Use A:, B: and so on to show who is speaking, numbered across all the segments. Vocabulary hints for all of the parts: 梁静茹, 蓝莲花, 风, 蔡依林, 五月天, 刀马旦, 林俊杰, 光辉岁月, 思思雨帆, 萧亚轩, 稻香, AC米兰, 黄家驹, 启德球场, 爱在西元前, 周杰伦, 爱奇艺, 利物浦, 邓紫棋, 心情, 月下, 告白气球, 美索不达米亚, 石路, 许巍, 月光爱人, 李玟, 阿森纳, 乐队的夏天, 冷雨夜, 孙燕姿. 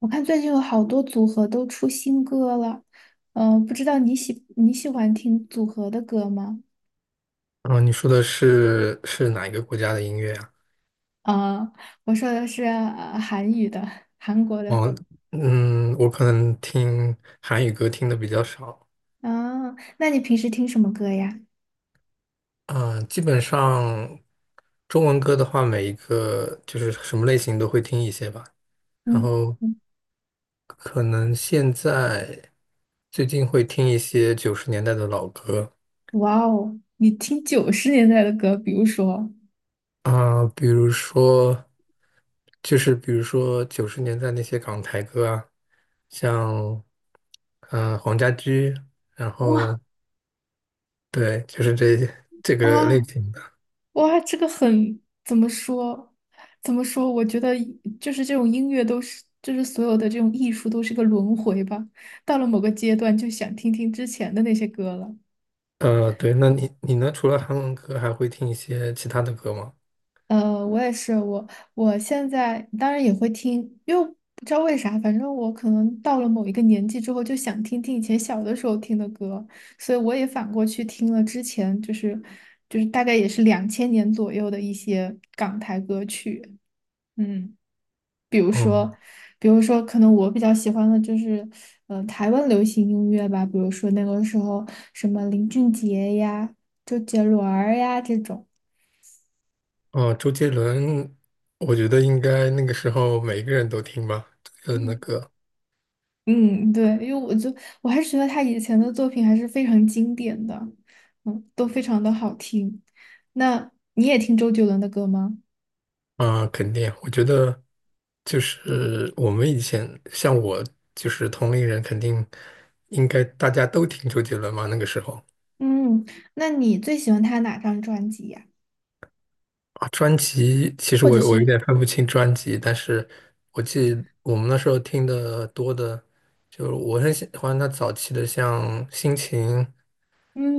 A: 我看最近有好多组合都出新歌了，不知道你喜欢听组合的歌吗？
B: 哦，你说的是哪一个国家的音乐啊？
A: 啊、我说的是韩语的，韩国的。
B: 哦，嗯，我可能听韩语歌听的比较少，
A: 啊，那你平时听什么歌呀？
B: 嗯，基本上中文歌的话，每一个就是什么类型都会听一些吧。然
A: 嗯，
B: 后
A: 嗯
B: 可能现在最近会听一些九十年代的老歌，
A: 哇哦，你听90年代的歌，比如说。
B: 啊，比如说，就是比如说九十年代那些港台歌啊，像黄家驹，然
A: 哇，
B: 后对，就是这个类
A: 哇
B: 型的。
A: 哇，这个很，怎么说？我觉得就是这种音乐都是，就是所有的这种艺术都是个轮回吧。到了某个阶段，就想听听之前的那些歌了。
B: 对，那你呢？除了韩文歌，还会听一些其他的歌吗？
A: 我也是，我现在当然也会听，因为不知道为啥，反正我可能到了某一个年纪之后，就想听听以前小的时候听的歌，所以我也反过去听了之前，就是大概也是2000年左右的一些港台歌曲，嗯。
B: 嗯，
A: 比如说，可能我比较喜欢的就是，台湾流行音乐吧，比如说那个时候什么林俊杰呀、周杰伦儿呀这种。
B: 哦，周杰伦，我觉得应该那个时候每个人都听吧，周杰伦的
A: 嗯
B: 歌。
A: 嗯，对，因为我还是觉得他以前的作品还是非常经典的，嗯，都非常的好听。那你也听周杰伦的歌吗？
B: 啊，肯定，我觉得就是我们以前像我就是同龄人，肯定应该大家都听周杰伦嘛。那个时候
A: 嗯，那你最喜欢他哪张专辑呀？
B: 啊，专辑其实
A: 或
B: 我
A: 者
B: 我有
A: 是，
B: 点分不清专辑，但是我记得我们那时候听的多的，就是我很喜欢他早期的，像《心情》、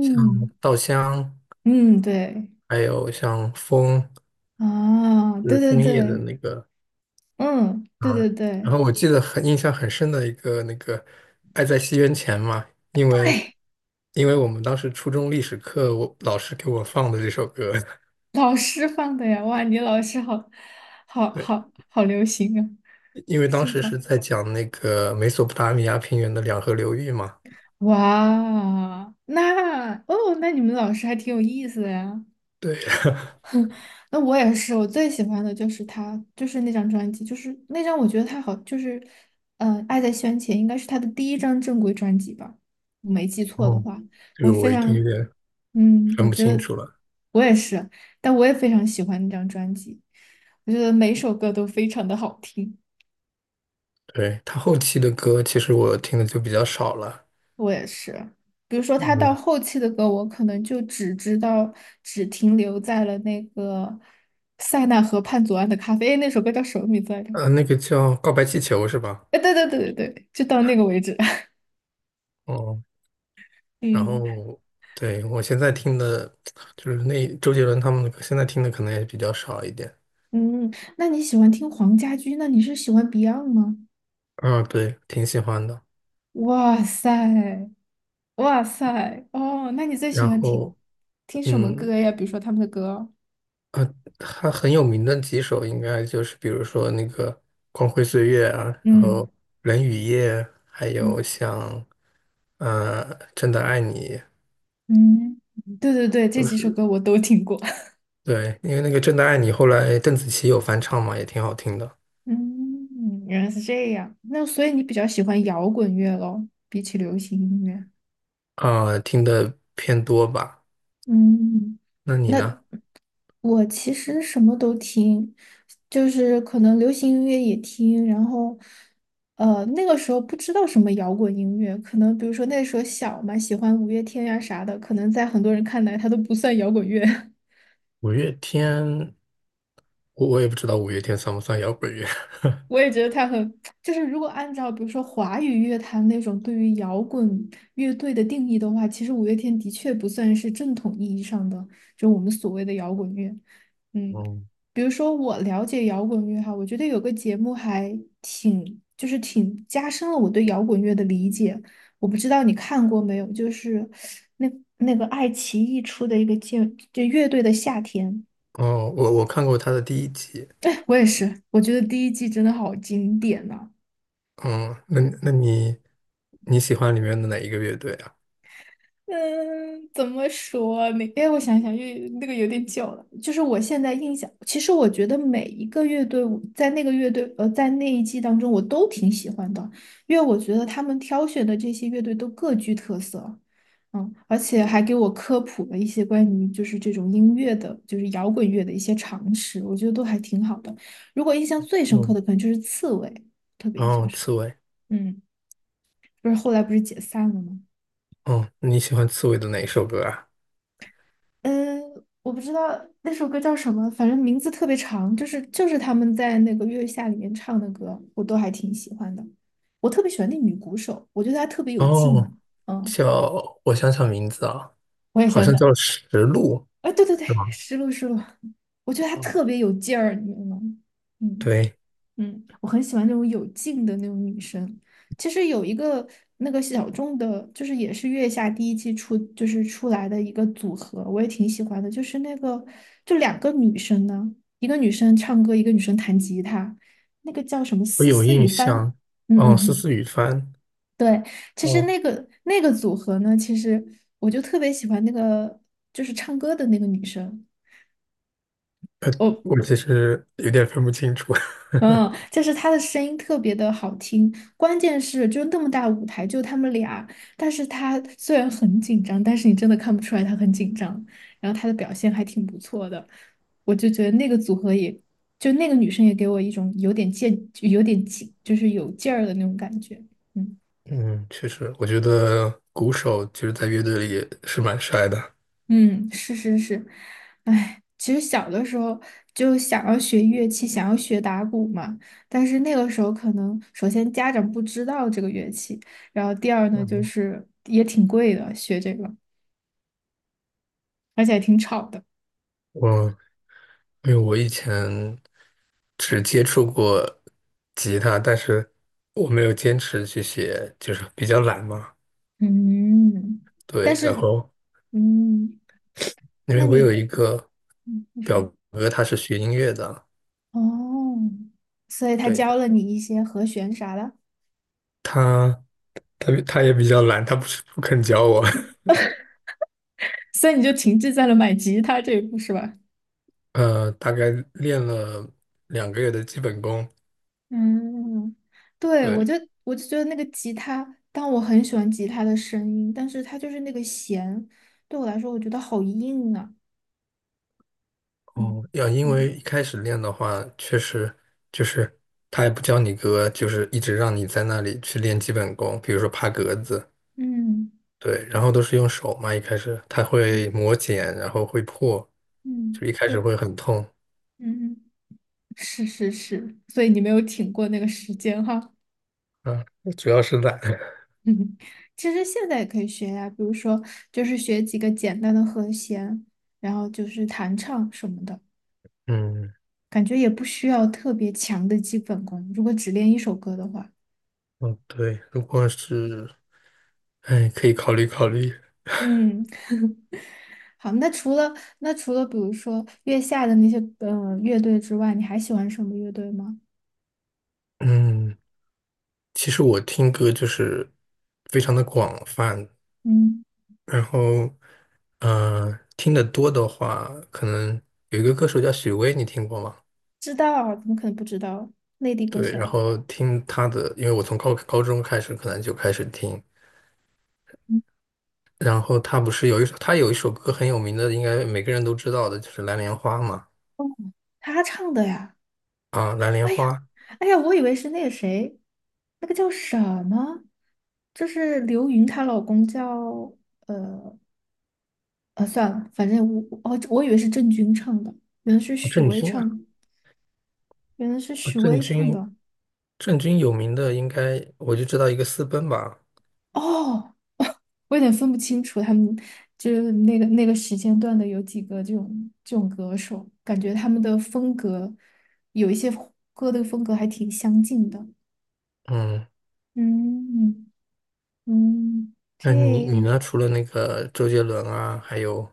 B: 像《稻香》，
A: 嗯，对，
B: 还有像《风》，
A: 啊，
B: 就
A: 对
B: 是
A: 对
B: 枫叶的
A: 对，
B: 那个
A: 嗯，对
B: 啊，
A: 对
B: 然
A: 对。
B: 后我记得很印象很深的一个那个"爱在西元前"嘛，因为因为我们当时初中历史课，我老师给我放的这首歌，
A: 老师放的呀，哇，你老师好，
B: 对，
A: 好流行啊，
B: 因为当
A: 新
B: 时是
A: 潮，
B: 在讲那个美索不达米亚平原的两河流域嘛，
A: 哇，那哦，那你们老师还挺有意思的呀。
B: 对，
A: 哼那我也是，我最喜欢的就是他，就是那张专辑，就是那张我觉得他好，就是，爱在西元前》应该是他的第一张正规专辑吧，我没记错的
B: 哦，
A: 话，
B: 这
A: 我
B: 个
A: 非
B: 我已经有
A: 常，
B: 点
A: 我
B: 分不
A: 觉
B: 清
A: 得
B: 楚了。
A: 我也是，但我也非常喜欢那张专辑。我觉得每首歌都非常的好听。
B: 对，他后期的歌，其实我听的就比较少了，
A: 我也是，比如说他到
B: 嗯，
A: 后期的歌，我可能就只知道，只停留在了那个塞纳河畔左岸的咖啡，诶那首歌叫什么名字来着？
B: 那个叫《告白气球》是吧？
A: 哎，对对对对对，就到那个为止。
B: 哦，然
A: 嗯
B: 后，对，我现在听的，就是那周杰伦他们的歌现在听的可能也比较少一点。
A: 嗯，那你喜欢听黄家驹？那你是喜欢 Beyond 吗？
B: 啊，对，挺喜欢的。
A: 哇塞，哇塞，哦，那你最喜
B: 然
A: 欢听
B: 后，
A: 听什么
B: 嗯，
A: 歌呀？比如说他们的歌？
B: 他很有名的几首，应该就是比如说那个《光辉岁月》啊，然后
A: 嗯
B: 《冷雨夜》，还
A: 嗯
B: 有像呃《真的爱你》，
A: 嗯，对对对，这
B: 都
A: 几首
B: 是
A: 歌我都听过。
B: 对，因为那个《真的爱你》后来邓紫棋有翻唱嘛，也挺好听的。
A: 嗯，原来是这样。那所以你比较喜欢摇滚乐咯，比起流行音乐。
B: 啊、听的偏多吧？
A: 嗯，
B: 那你
A: 那
B: 呢？
A: 我其实什么都听，就是可能流行音乐也听，然后，那个时候不知道什么摇滚音乐，可能比如说那时候小嘛，喜欢五月天呀、啥的，可能在很多人看来它都不算摇滚乐。
B: 五月天。我也不知道五月天算不算摇滚乐。
A: 我也觉得他很，就是如果按照比如说华语乐坛那种对于摇滚乐队的定义的话，其实五月天的确不算是正统意义上的，就我们所谓的摇滚乐。嗯，
B: 哦，
A: 比如说我了解摇滚乐哈，我觉得有个节目还挺，就是挺加深了我对摇滚乐的理解。我不知道你看过没有，就是那那个爱奇艺出的一个节，就乐队的夏天，
B: 哦，我看过他的第一集。
A: 我也是，我觉得第一季真的好经典呐、
B: 嗯，那你喜欢里面的哪一个乐队啊？
A: 嗯，怎么说呢？哎，我想想，又那个有点久了。就是我现在印象，其实我觉得每一个乐队我在那个乐队在那一季当中，我都挺喜欢的，因为我觉得他们挑选的这些乐队都各具特色，嗯，而且还给我科普了一些关于就是这种音乐的，就是摇滚乐的一些常识，我觉得都还挺好的。如果印象最深刻
B: 嗯，
A: 的，可能就是刺猬，特别印象
B: 哦，
A: 深刻。
B: 刺猬。
A: 嗯，不是后来不是解散了吗？
B: 哦，你喜欢刺猬的哪一首歌啊？
A: 嗯，我不知道那首歌叫什么，反正名字特别长，就是他们在那个《月下》里面唱的歌，我都还挺喜欢的。我特别喜欢那女鼓手，我觉得她特别有
B: 哦，
A: 劲。嗯，
B: 叫我想想名字啊，
A: 我也
B: 好
A: 想
B: 像
A: 想，
B: 叫《石路》，
A: 哎，对对对，
B: 是吗？
A: 失落失落，我觉得她
B: 嗯，
A: 特别有劲儿，你知道吗？嗯。
B: 对，
A: 嗯，我很喜欢那种有劲的那种女生。其实有一个那个小众的，就是也是月下第一季出就是出来的一个组合，我也挺喜欢的。就是那个就两个女生呢，一个女生唱歌，一个女生弹吉他，那个叫什么
B: 我
A: 思
B: 有
A: 思
B: 印
A: 雨帆。
B: 象。
A: 嗯嗯
B: 哦，思
A: 嗯，
B: 思雨帆。
A: 对。其实
B: 哦，
A: 那个组合呢，其实我就特别喜欢那个就是唱歌的那个女生。
B: 我其实有点分不清楚。
A: 嗯，就是他的声音特别的好听，关键是就那么大舞台，就他们俩，但是他虽然很紧张，但是你真的看不出来他很紧张，然后他的表现还挺不错的，我就觉得那个组合也，就那个女生也给我一种有点劲，有点劲，就是有劲儿的那种感觉。嗯。
B: 嗯，确实，我觉得鼓手其实，在乐队里也是蛮帅的。
A: 嗯，是是是，哎，其实小的时候就想要学乐器，想要学打鼓嘛，但是那个时候可能首先家长不知道这个乐器，然后第二呢就
B: 嗯，
A: 是也挺贵的，学这个，而且还挺吵的。
B: 我因为我以前只接触过吉他，但是我没有坚持去写，就是比较懒嘛。
A: 嗯，
B: 对，
A: 但
B: 然
A: 是
B: 后
A: 嗯，
B: 因为
A: 那
B: 我有
A: 你
B: 一个
A: 你
B: 表
A: 说
B: 哥，他是学音乐的，
A: 哦，所以他
B: 对，
A: 教了你一些和弦啥的，
B: 他他也比较懒，他不是不肯教我。
A: 所以你就停滞在了买吉他这一步是吧？
B: 大概练了2个月的基本功，
A: 嗯，嗯对，我
B: 对，
A: 就我就觉得那个吉他，但我很喜欢吉他的声音，但是它就是那个弦，对我来说，我觉得好硬啊。嗯
B: 哦，要因为
A: 嗯
B: 一开始练的话，确实就是他也不教你歌，就是一直让你在那里去练基本功，比如说爬格子，
A: 嗯
B: 对，然后都是用手嘛，一开始他会
A: 嗯，
B: 磨茧，然后会破，就一
A: 嗯
B: 开始
A: 对，
B: 会很痛
A: 嗯，是是是，所以你没有挺过那个时间哈。
B: 啊，主要是懒。
A: 嗯，其实现在也可以学呀，比如说就是学几个简单的和弦，然后就是弹唱什么的，
B: 嗯，
A: 感觉也不需要特别强的基本功，如果只练一首歌的话。
B: 哦对，如果是，哎，可以考虑考虑。
A: 嗯，好，那除了比如说月下的那些乐队之外，你还喜欢什么乐队吗？
B: 嗯，其实我听歌就是非常的广泛，
A: 嗯，
B: 然后，嗯，听得多的话，可能有一个歌手叫许巍，你听过吗？
A: 知道啊，怎么可能不知道？内地歌
B: 对，然
A: 手，
B: 后听他的，因为我从高中开始可能就开始听，
A: 嗯，
B: 然后他不是有一首，他有一首歌很有名的，应该每个人都知道的，就是《蓝莲花》嘛。
A: 哦，他唱的呀。
B: 啊，《蓝莲
A: 哎
B: 花》
A: 呀，
B: 啊，
A: 哎呀，我以为是那个谁，那个叫什么，就是刘芸她老公叫算了，反正我以为是郑钧唱的，原来是许
B: 郑
A: 巍
B: 钧
A: 唱
B: 啊，
A: 的，原来是
B: 啊
A: 许
B: 郑
A: 巍唱
B: 钧，
A: 的。
B: 郑钧有名的应该我就知道一个私奔吧。
A: 哦，我有点分不清楚他们就是那个时间段的有几个这种歌手，感觉他们的风格有一些歌的风格还挺相近的。
B: 嗯，
A: 嗯嗯，
B: 那你
A: 这
B: 你
A: 样。
B: 呢？除了那个周杰伦啊，还有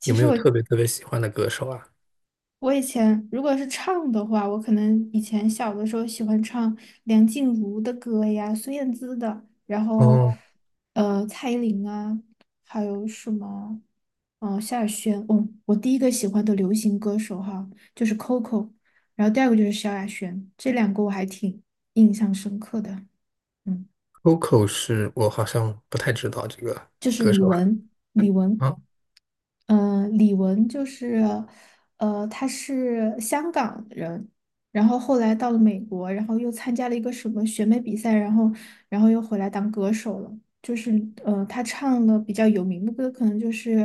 A: 其
B: 有没
A: 实
B: 有
A: 我。
B: 特别特别喜欢的歌手啊？
A: 我以前如果是唱的话，我可能以前小的时候喜欢唱梁静茹的歌呀、孙燕姿的，然后
B: 哦。
A: 蔡依林啊，还有什么萧亚轩。哦，我第一个喜欢的流行歌手哈就是 Coco，然后第二个就是萧亚轩，这两个我还挺印象深刻的。嗯。
B: Coco 是我好像不太知道这个
A: 就是
B: 歌
A: 李
B: 手
A: 玟，李玟。
B: 啊，
A: 嗯，李玟就是，她是香港人，然后后来到了美国，然后又参加了一个什么选美比赛，然后，然后又回来当歌手了。就是，她唱了比较有名的歌，可能就是，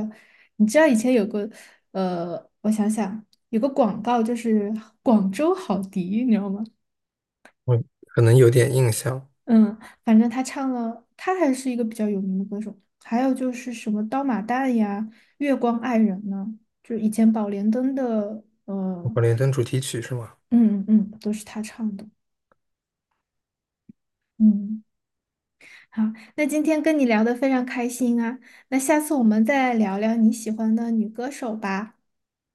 A: 你知道以前有个，我想想，有个广告就是广州好迪，你知道吗？
B: 我可能有点印象。
A: 嗯，反正他唱了，他还是一个比较有名的歌手。还有就是什么《刀马旦》呀，《月光爱人》呢，就是以前宝莲灯的，
B: 我管连灯主题曲是吗？
A: 嗯嗯，都是他唱的。嗯，好，那今天跟你聊得非常开心啊，那下次我们再聊聊你喜欢的女歌手吧。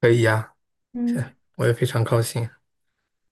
B: 可以呀、
A: 嗯。
B: 我也非常高兴。